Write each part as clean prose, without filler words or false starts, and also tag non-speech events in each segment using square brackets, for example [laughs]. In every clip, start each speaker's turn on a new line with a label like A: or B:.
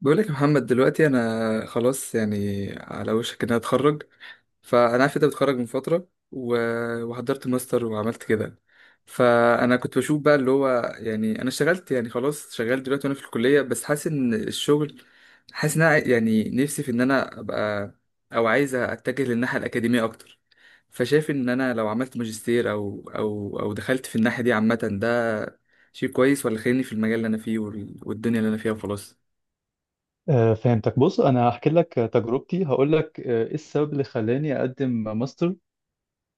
A: بقولك يا محمد، دلوقتي انا خلاص يعني على وشك ان انا اتخرج. فانا عارف انت بتخرج من فتره وحضرت ماستر وعملت كده. فانا كنت بشوف بقى اللي هو، يعني انا اشتغلت يعني خلاص، شغال دلوقتي وانا في الكليه، بس حاسس ان أنا يعني نفسي في ان انا ابقى، او عايز اتجه للناحيه الاكاديميه اكتر. فشايف ان انا لو عملت ماجستير، او دخلت في الناحيه دي عامه، ده شيء كويس ولا خليني في المجال اللي انا فيه والدنيا اللي انا فيها وخلاص.
B: فهمتك. بص، انا هحكي لك تجربتي، هقول لك ايه السبب اللي خلاني اقدم ماستر.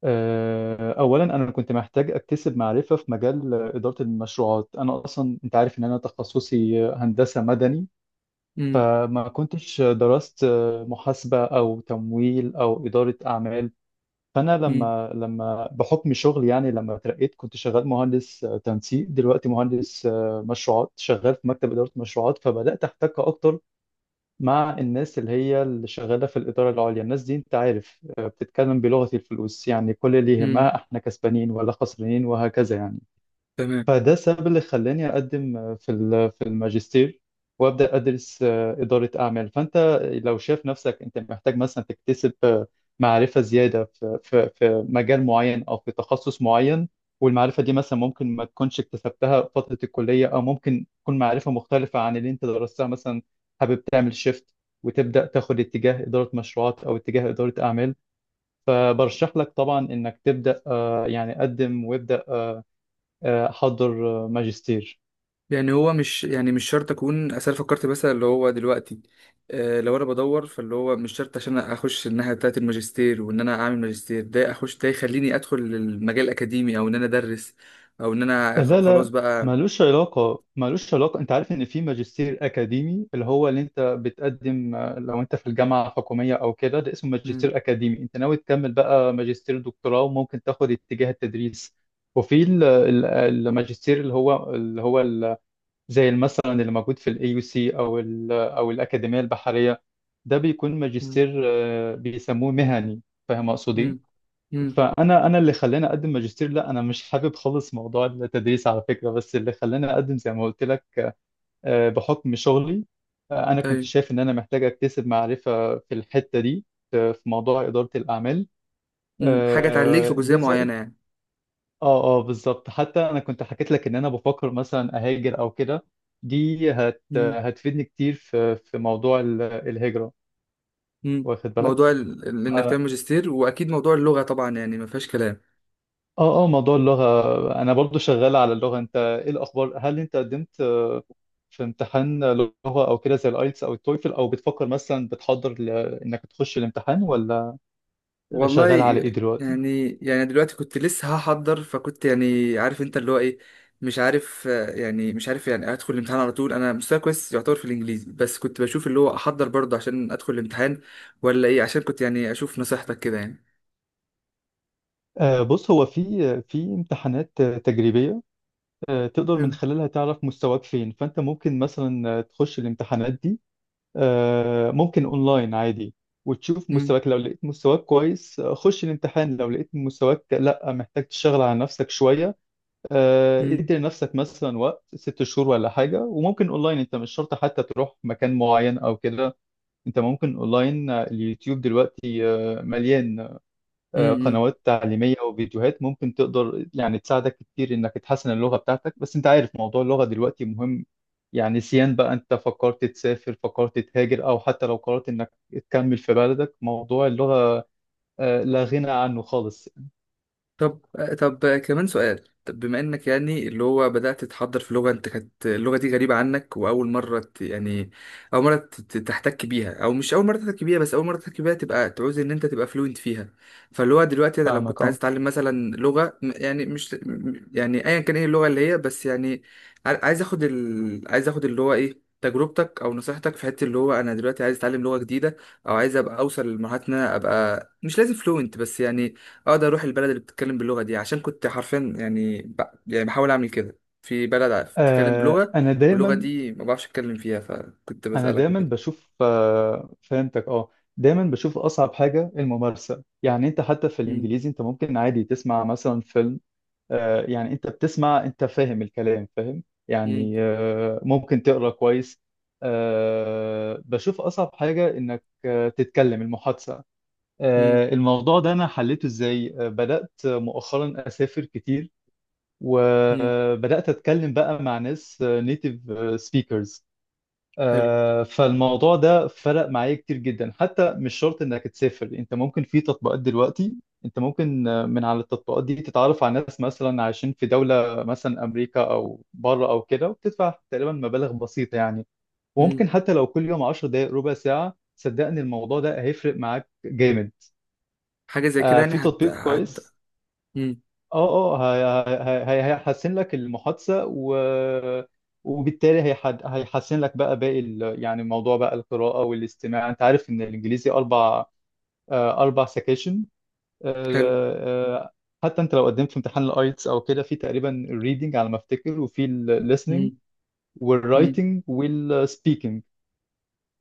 B: اولا، انا كنت محتاج اكتسب معرفه في مجال اداره المشروعات. انا اصلا انت عارف ان انا تخصصي هندسه مدني، فما كنتش درست محاسبه او تمويل او اداره اعمال. فانا
A: مم.
B: لما بحكم شغلي، يعني لما اترقيت كنت شغال مهندس تنسيق، دلوقتي مهندس مشروعات، شغال في مكتب اداره مشروعات. فبدات احتك اكتر مع الناس اللي هي اللي شغالة في الإدارة العليا. الناس دي أنت عارف بتتكلم بلغة الفلوس، يعني كل اللي
A: مم.
B: يهمها إحنا كسبانين ولا خسرانين وهكذا يعني.
A: تمام.
B: فده السبب اللي خلاني أقدم في الماجستير وأبدأ أدرس إدارة أعمال. فأنت لو شايف نفسك أنت محتاج مثلا تكتسب معرفة زيادة في مجال معين أو في تخصص معين، والمعرفة دي مثلا ممكن ما تكونش اكتسبتها في فترة الكلية، أو ممكن تكون معرفة مختلفة عن اللي أنت درستها مثلا، حابب تعمل شيفت وتبدأ تاخد اتجاه إدارة مشروعات أو اتجاه إدارة أعمال. فبرشح لك طبعا إنك تبدأ، يعني قدم وابدأ، احضر ماجستير.
A: يعني هو مش يعني مش شرط اكون، اصل أنا فكرت مثلا اللي هو دلوقتي، لو انا بدور، فاللي هو مش شرط عشان اخش الناحيه بتاعه الماجستير، وان انا اعمل ماجستير ده، اخش ده يخليني ادخل المجال الاكاديمي او ان انا ادرس، او ان انا خ-
B: لا،
A: خلاص
B: لا،
A: بقى.
B: ملوش علاقة، ملوش علاقة. انت عارف ان في ماجستير اكاديمي، اللي هو اللي انت بتقدم لو انت في الجامعة الحكومية او كده، ده اسمه
A: مم.
B: ماجستير اكاديمي. انت ناوي تكمل بقى ماجستير دكتوراه وممكن تاخد اتجاه التدريس. وفي الماجستير زي مثلا اللي موجود في الاي يو سي، او الاكاديمية البحرية، ده بيكون
A: مم.
B: ماجستير بيسموه مهني. فاهم اقصد
A: مم.
B: ايه؟
A: مم.
B: فانا اللي خلاني اقدم ماجستير، لا انا مش حابب خالص موضوع التدريس على فكره. بس اللي خلاني اقدم زي ما قلت لك بحكم شغلي. انا كنت
A: ايوه.
B: شايف ان انا محتاج اكتسب معرفه في الحته دي، في موضوع اداره الاعمال.
A: مم. حاجه تعليك في جزئيه
B: ده زائد.
A: معينه يعني.
B: اه، اه، بالظبط. حتى انا كنت حكيت لك ان انا بفكر مثلا اهاجر او كده، دي
A: مم.
B: هتفيدني كتير في موضوع الهجره.
A: مم.
B: واخد بالك؟
A: موضوع انك تعمل ماجستير، واكيد موضوع اللغه طبعا، يعني ما فيهاش كلام.
B: اه، اه، موضوع اللغة. انا برضو شغال على اللغة. انت ايه الاخبار؟ هل انت قدمت في امتحان لغة او كده، زي الايتس او التويفل؟ او بتفكر مثلا انك تخش الامتحان ولا؟
A: والله.
B: شغال على ايه دلوقتي؟
A: يعني دلوقتي كنت لسه هحضر، فكنت يعني عارف انت اللي هو ايه، مش عارف، يعني مش عارف يعني ادخل الامتحان على طول. انا مستواي كويس يعتبر في الانجليزي، بس كنت بشوف اللي هو احضر برضه عشان ادخل الامتحان، ولا ايه، عشان كنت يعني اشوف نصيحتك كده يعني.
B: بص، هو في امتحانات تجريبية تقدر من
A: حلو.
B: خلالها تعرف مستواك فين. فانت ممكن مثلا تخش الامتحانات دي، ممكن اونلاين عادي، وتشوف
A: مم.
B: مستواك. لو لقيت مستواك كويس خش الامتحان. لو لقيت مستواك لا، محتاج تشتغل على نفسك شوية،
A: مم.
B: ادي لنفسك مثلا وقت 6 شهور ولا حاجة. وممكن اونلاين، انت مش شرط حتى تروح مكان معين او كده. انت ممكن اونلاين، اليوتيوب دلوقتي مليان
A: مم.
B: قنوات تعليمية وفيديوهات ممكن تقدر يعني تساعدك كتير انك تحسن اللغة بتاعتك. بس انت عارف موضوع اللغة دلوقتي مهم، يعني سيان بقى انت فكرت تسافر، فكرت تهاجر، او حتى لو قررت انك تكمل في بلدك، موضوع اللغة لا غنى عنه خالص.
A: طب طب كمان سؤال. طب بما انك يعني اللي هو بدأت تتحضر في لغة، انت كانت اللغة دي غريبة عنك، واول مرة اول مرة تحتك بيها، او مش اول مرة تحتك بيها، بس اول مرة تحتك بيها تبقى تعوز ان انت تبقى فلوينت فيها. فاللي هو دلوقتي انا لو
B: فاهمك،
A: كنت عايز
B: اه.
A: اتعلم مثلا لغة يعني مش يعني ايا كان ايه اللغة اللي هي، بس يعني عايز اخد اللي هو ايه تجربتك او نصيحتك في حته اللي هو انا دلوقتي عايز اتعلم لغه جديده، او عايز ابقى اوصل لمرحله ان انا ابقى مش لازم فلوينت، بس يعني اقدر اروح البلد اللي بتتكلم باللغه دي، عشان كنت حرفيا يعني يعني بحاول اعمل كده في بلد بتتكلم
B: آه،
A: بلغه،
B: انا
A: واللغه
B: دايما
A: دي ما بعرفش اتكلم فيها، فكنت
B: انا
A: بسالك
B: دايما
A: وكده.
B: بشوف، فهمتك، اه. دايما بشوف اصعب حاجه الممارسه. يعني انت حتى في
A: مم.
B: الانجليزي انت ممكن عادي تسمع مثلا فيلم، يعني انت بتسمع، انت فاهم الكلام، فاهم
A: مم.
B: يعني، ممكن تقرا كويس. بشوف اصعب حاجه انك تتكلم المحادثه.
A: مم.
B: الموضوع ده انا حليته ازاي؟ بدات مؤخرا اسافر كتير،
A: مم.
B: وبدات اتكلم بقى مع ناس نيتيف سبيكرز.
A: حلو.
B: فالموضوع ده فرق معايا كتير جدا. حتى مش شرط انك تسافر، انت ممكن في تطبيقات دلوقتي. انت ممكن من على التطبيقات دي تتعرف على ناس مثلا عايشين في دولة مثلا امريكا او بره او كده، وبتدفع تقريبا مبالغ بسيطة يعني.
A: مم.
B: وممكن حتى لو كل يوم 10 دقائق، ربع ساعة، صدقني الموضوع ده هيفرق معاك جامد.
A: حاجه زي كده يعني
B: في
A: هت
B: تطبيق
A: هت
B: كويس،
A: مم.
B: اه، اه، هيحسن لك المحادثة، وبالتالي هيحسن لك بقى باقي يعني موضوع بقى القراءة والاستماع. انت عارف ان الانجليزي اربع، 4 سكيشن.
A: حلو.
B: حتى انت لو قدمت في امتحان الايتس او كده، في تقريبا الريدنج على ما افتكر، وفي الليسننج
A: مم. مم.
B: والرايتنج والسبيكنج.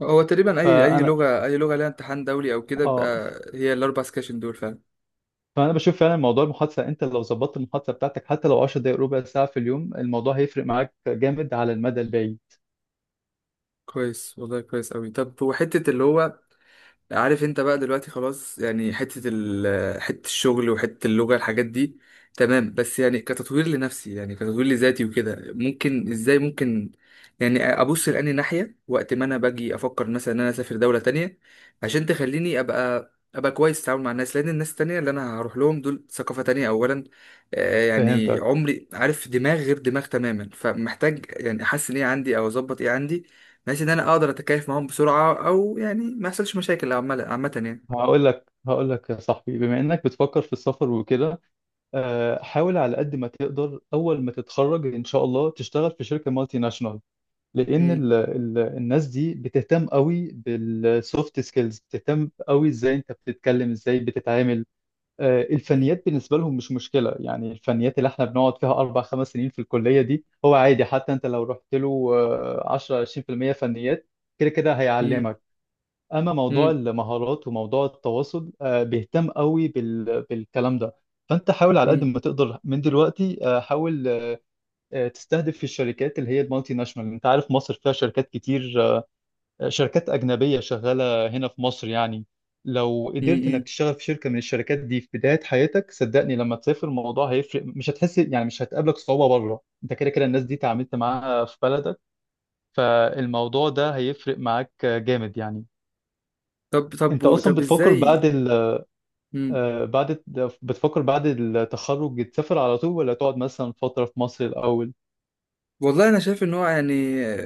A: هو تقريبا اي
B: فانا
A: لغه، اي لغه لها امتحان دولي او كده،
B: اه
A: بيبقى هي الاربع سكاشن دول فعلا.
B: فانا بشوف فعلا موضوع المحادثه، انت لو ظبطت المحادثه بتاعتك حتى لو 10 دقائق ربع ساعه في اليوم، الموضوع هيفرق معاك جامد على المدى البعيد.
A: كويس والله، كويس قوي. طب وحته اللي هو، عارف انت بقى دلوقتي خلاص يعني، حتة الشغل وحتة اللغة، الحاجات دي تمام، بس يعني كتطوير لنفسي، يعني كتطوير لذاتي وكده، ممكن ازاي، ممكن يعني ابص لأني ناحية، وقت ما انا باجي افكر مثلا ان انا اسافر دولة تانية عشان تخليني ابقى كويس في التعامل مع الناس. لان الناس التانية اللي انا هروح لهم دول ثقافة تانية اولا، يعني
B: فهمتك.
A: عمري عارف دماغ غير دماغ تماما، فمحتاج يعني احسن ايه عندي او اظبط ايه عندي، بحيث ان انا اقدر اتكيف معاهم بسرعه، او يعني ما يحصلش مشاكل، عامه عامه يعني.
B: هقول لك يا صاحبي، بما انك بتفكر في السفر وكده، حاول على قد ما تقدر اول ما تتخرج ان شاء الله تشتغل في شركه مالتي ناشونال، لان
A: مم.
B: ال ال الناس دي بتهتم قوي بالسوفت سكيلز، بتهتم قوي ازاي انت بتتكلم، ازاي بتتعامل.
A: مم.
B: الفنيات بالنسبه لهم مش مشكله يعني. الفنيات اللي احنا بنقعد فيها اربع خمس سنين في الكليه دي هو عادي، حتى انت لو رحت له 10 20% فنيات، كده كده
A: مم.
B: هيعلمك. اما موضوع
A: مم.
B: المهارات وموضوع التواصل بيهتم قوي بالكلام ده. فانت حاول على قد ما تقدر من دلوقتي، حاول تستهدف في الشركات اللي هي المالتي ناشونال. انت عارف مصر فيها شركات كتير، شركات اجنبيه شغاله هنا في مصر يعني. لو
A: مم.
B: قدرت انك
A: مم.
B: تشتغل في شركه من الشركات دي في بدايه حياتك، صدقني لما تسافر الموضوع هيفرق، مش هتحس يعني، مش هتقابلك صعوبه بره، انت كده كده الناس دي تعاملت معاها في بلدك. فالموضوع ده هيفرق معاك جامد يعني.
A: طب
B: انت
A: طب
B: اصلا
A: طب
B: بتفكر بعد
A: ازاي؟
B: ال... آه، بعد الت- بتفكر بعد التخرج تسافر على طول، ولا تقعد مثلا فترة في مصر الأول؟
A: والله انا شايف ان هو يعني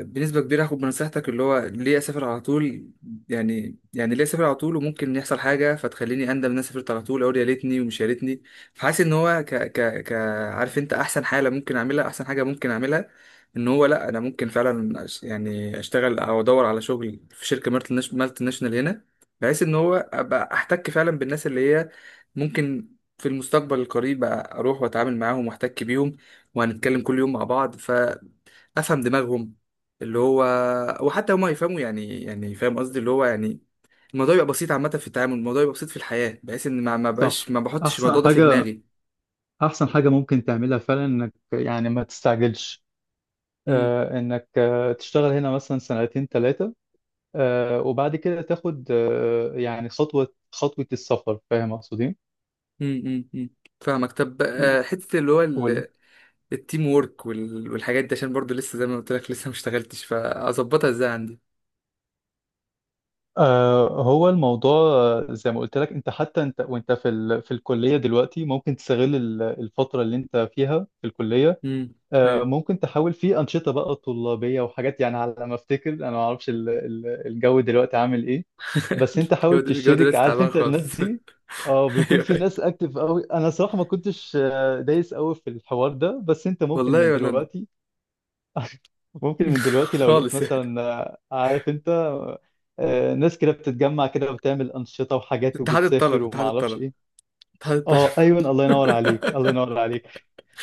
A: بنسبه كبيره هاخد بنصيحتك، اللي هو ليه اسافر على طول، يعني ليه اسافر على طول وممكن يحصل حاجه فتخليني اندم ان انا سافرت على طول، اقول يا ليتني ومش يا ليتني. فحاسس ان هو ك ك ك عارف انت احسن حاله ممكن اعملها، احسن حاجه ممكن اعملها، ان هو لا، انا ممكن فعلا يعني اشتغل او ادور على شغل في شركه مالتي ناشونال هنا، بحيث ان هو ابقى احتك فعلا بالناس اللي هي ممكن في المستقبل القريب اروح واتعامل معاهم واحتك بيهم، وهنتكلم كل يوم مع بعض، افهم دماغهم اللي هو، وحتى هما يفهموا، يعني فاهم قصدي، اللي هو يعني الموضوع يبقى بسيط عامه في التعامل، الموضوع يبقى بسيط في الحياه، بحيث ان ما بقاش
B: صح.
A: ما بحطش
B: احسن
A: الموضوع ده في
B: حاجه
A: دماغي.
B: احسن حاجه ممكن تعملها فعلا انك يعني ما تستعجلش،
A: امم.
B: انك تشتغل هنا مثلا سنتين ثلاثه، وبعد كده تاخد يعني خطوه خطوه السفر. فاهم اقصدين؟
A: امم. امم. فاهمك. طب، حته اللي هو
B: قول.
A: التيم وورك والحاجات دي، عشان برضو لسه زي ما قلت لك، لسه ما اشتغلتش، فاظبطها ازاي عندي؟
B: هو الموضوع زي ما قلت لك، انت حتى انت وانت في الكلية دلوقتي ممكن تستغل الفترة اللي انت فيها في الكلية.
A: امم. ايوه.
B: ممكن تحاول في أنشطة بقى طلابية وحاجات، يعني على ما أفتكر أنا ما أعرفش الجو دلوقتي عامل إيه.
A: [laughs]
B: بس أنت
A: الجو
B: حاول
A: الجو
B: تشترك،
A: دلوقتي
B: عارف
A: تعبان
B: أنت الناس
A: خالص.
B: دي، اه،
A: [laughs]
B: بيكون
A: ايوه،
B: في
A: أيوة.
B: ناس أكتف أوي. أنا صراحة ما كنتش دايس أوي في الحوار ده، بس أنت ممكن
A: والله
B: من
A: ولا انا.
B: دلوقتي. [laughs] ممكن
A: [laughs]
B: من دلوقتي لو لقيت
A: خالص يعني.
B: مثلا عارف أنت ناس كده بتتجمع كده وبتعمل أنشطة وحاجات
A: اتحاد
B: وبتسافر
A: الطلب،
B: وما
A: اتحاد
B: أعرفش
A: الطلب،
B: إيه.
A: اتحاد
B: اه، ايوه، الله ينور عليك، الله
A: الطلب. [laughs]
B: ينور عليك.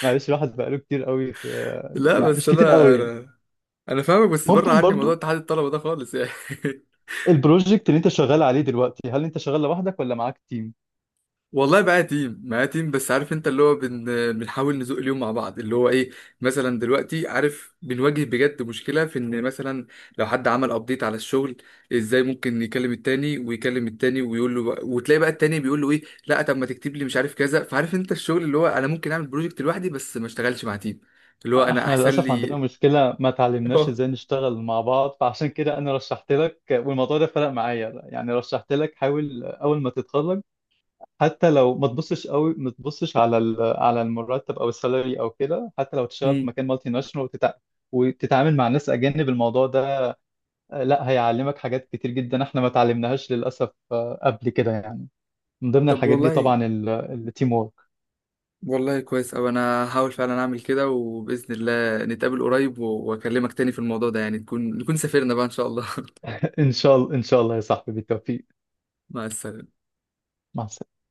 B: معلش، الواحد بقاله كتير قوي في،
A: لا،
B: يعني
A: بس
B: مش كتير
A: انا،
B: قوي.
A: انا فاهمك، بس بره
B: ممكن
A: عني موضوع
B: برضو.
A: اتحاد الطلبه ده خالص يعني. [laughs]
B: البروجكت اللي انت شغال عليه دلوقتي، هل انت شغال لوحدك ولا معاك تيم؟
A: والله معايا تيم، معايا تيم، بس عارف انت اللي هو بنحاول نزوق اليوم مع بعض، اللي هو ايه، مثلا دلوقتي عارف بنواجه بجد مشكله في ان مثلا لو حد عمل ابديت على الشغل، ازاي ممكن يكلم التاني ويكلم التاني ويقول له بقى، وتلاقي بقى التاني بيقول له ايه، لا طب ما تكتب لي مش عارف كذا. فعارف انت الشغل اللي هو انا ممكن اعمل بروجكت لوحدي، بس ما اشتغلش مع تيم، اللي هو انا
B: احنا
A: احسن
B: للاسف عندنا
A: لي.
B: مشكله، ما
A: [laughs]
B: تعلمناش
A: اه.
B: ازاي نشتغل مع بعض. فعشان كده انا رشحت لك، والموضوع ده فرق معايا يعني، رشحت لك حاول اول ما تتخرج. حتى لو ما تبصش قوي، ما تبصش على المرتب او السالري او كده، حتى لو تشتغل في
A: مم.
B: مكان مالتي ناشونال وتتعامل مع ناس اجانب. الموضوع ده لا هيعلمك حاجات كتير جدا احنا ما اتعلمناهاش للاسف قبل كده يعني. من ضمن
A: طب
B: الحاجات دي
A: والله،
B: طبعا التيم وورك.
A: والله كويس أوي، أنا هحاول فعلا أعمل كده، وبإذن الله نتقابل قريب وأكلمك تاني في الموضوع ده، يعني تكون، سافرنا بقى إن شاء الله.
B: [laughs] ان شاء الله، ان شاء الله يا صاحبي، بالتوفيق.
A: [laughs] مع السلامة.
B: مع السلامه.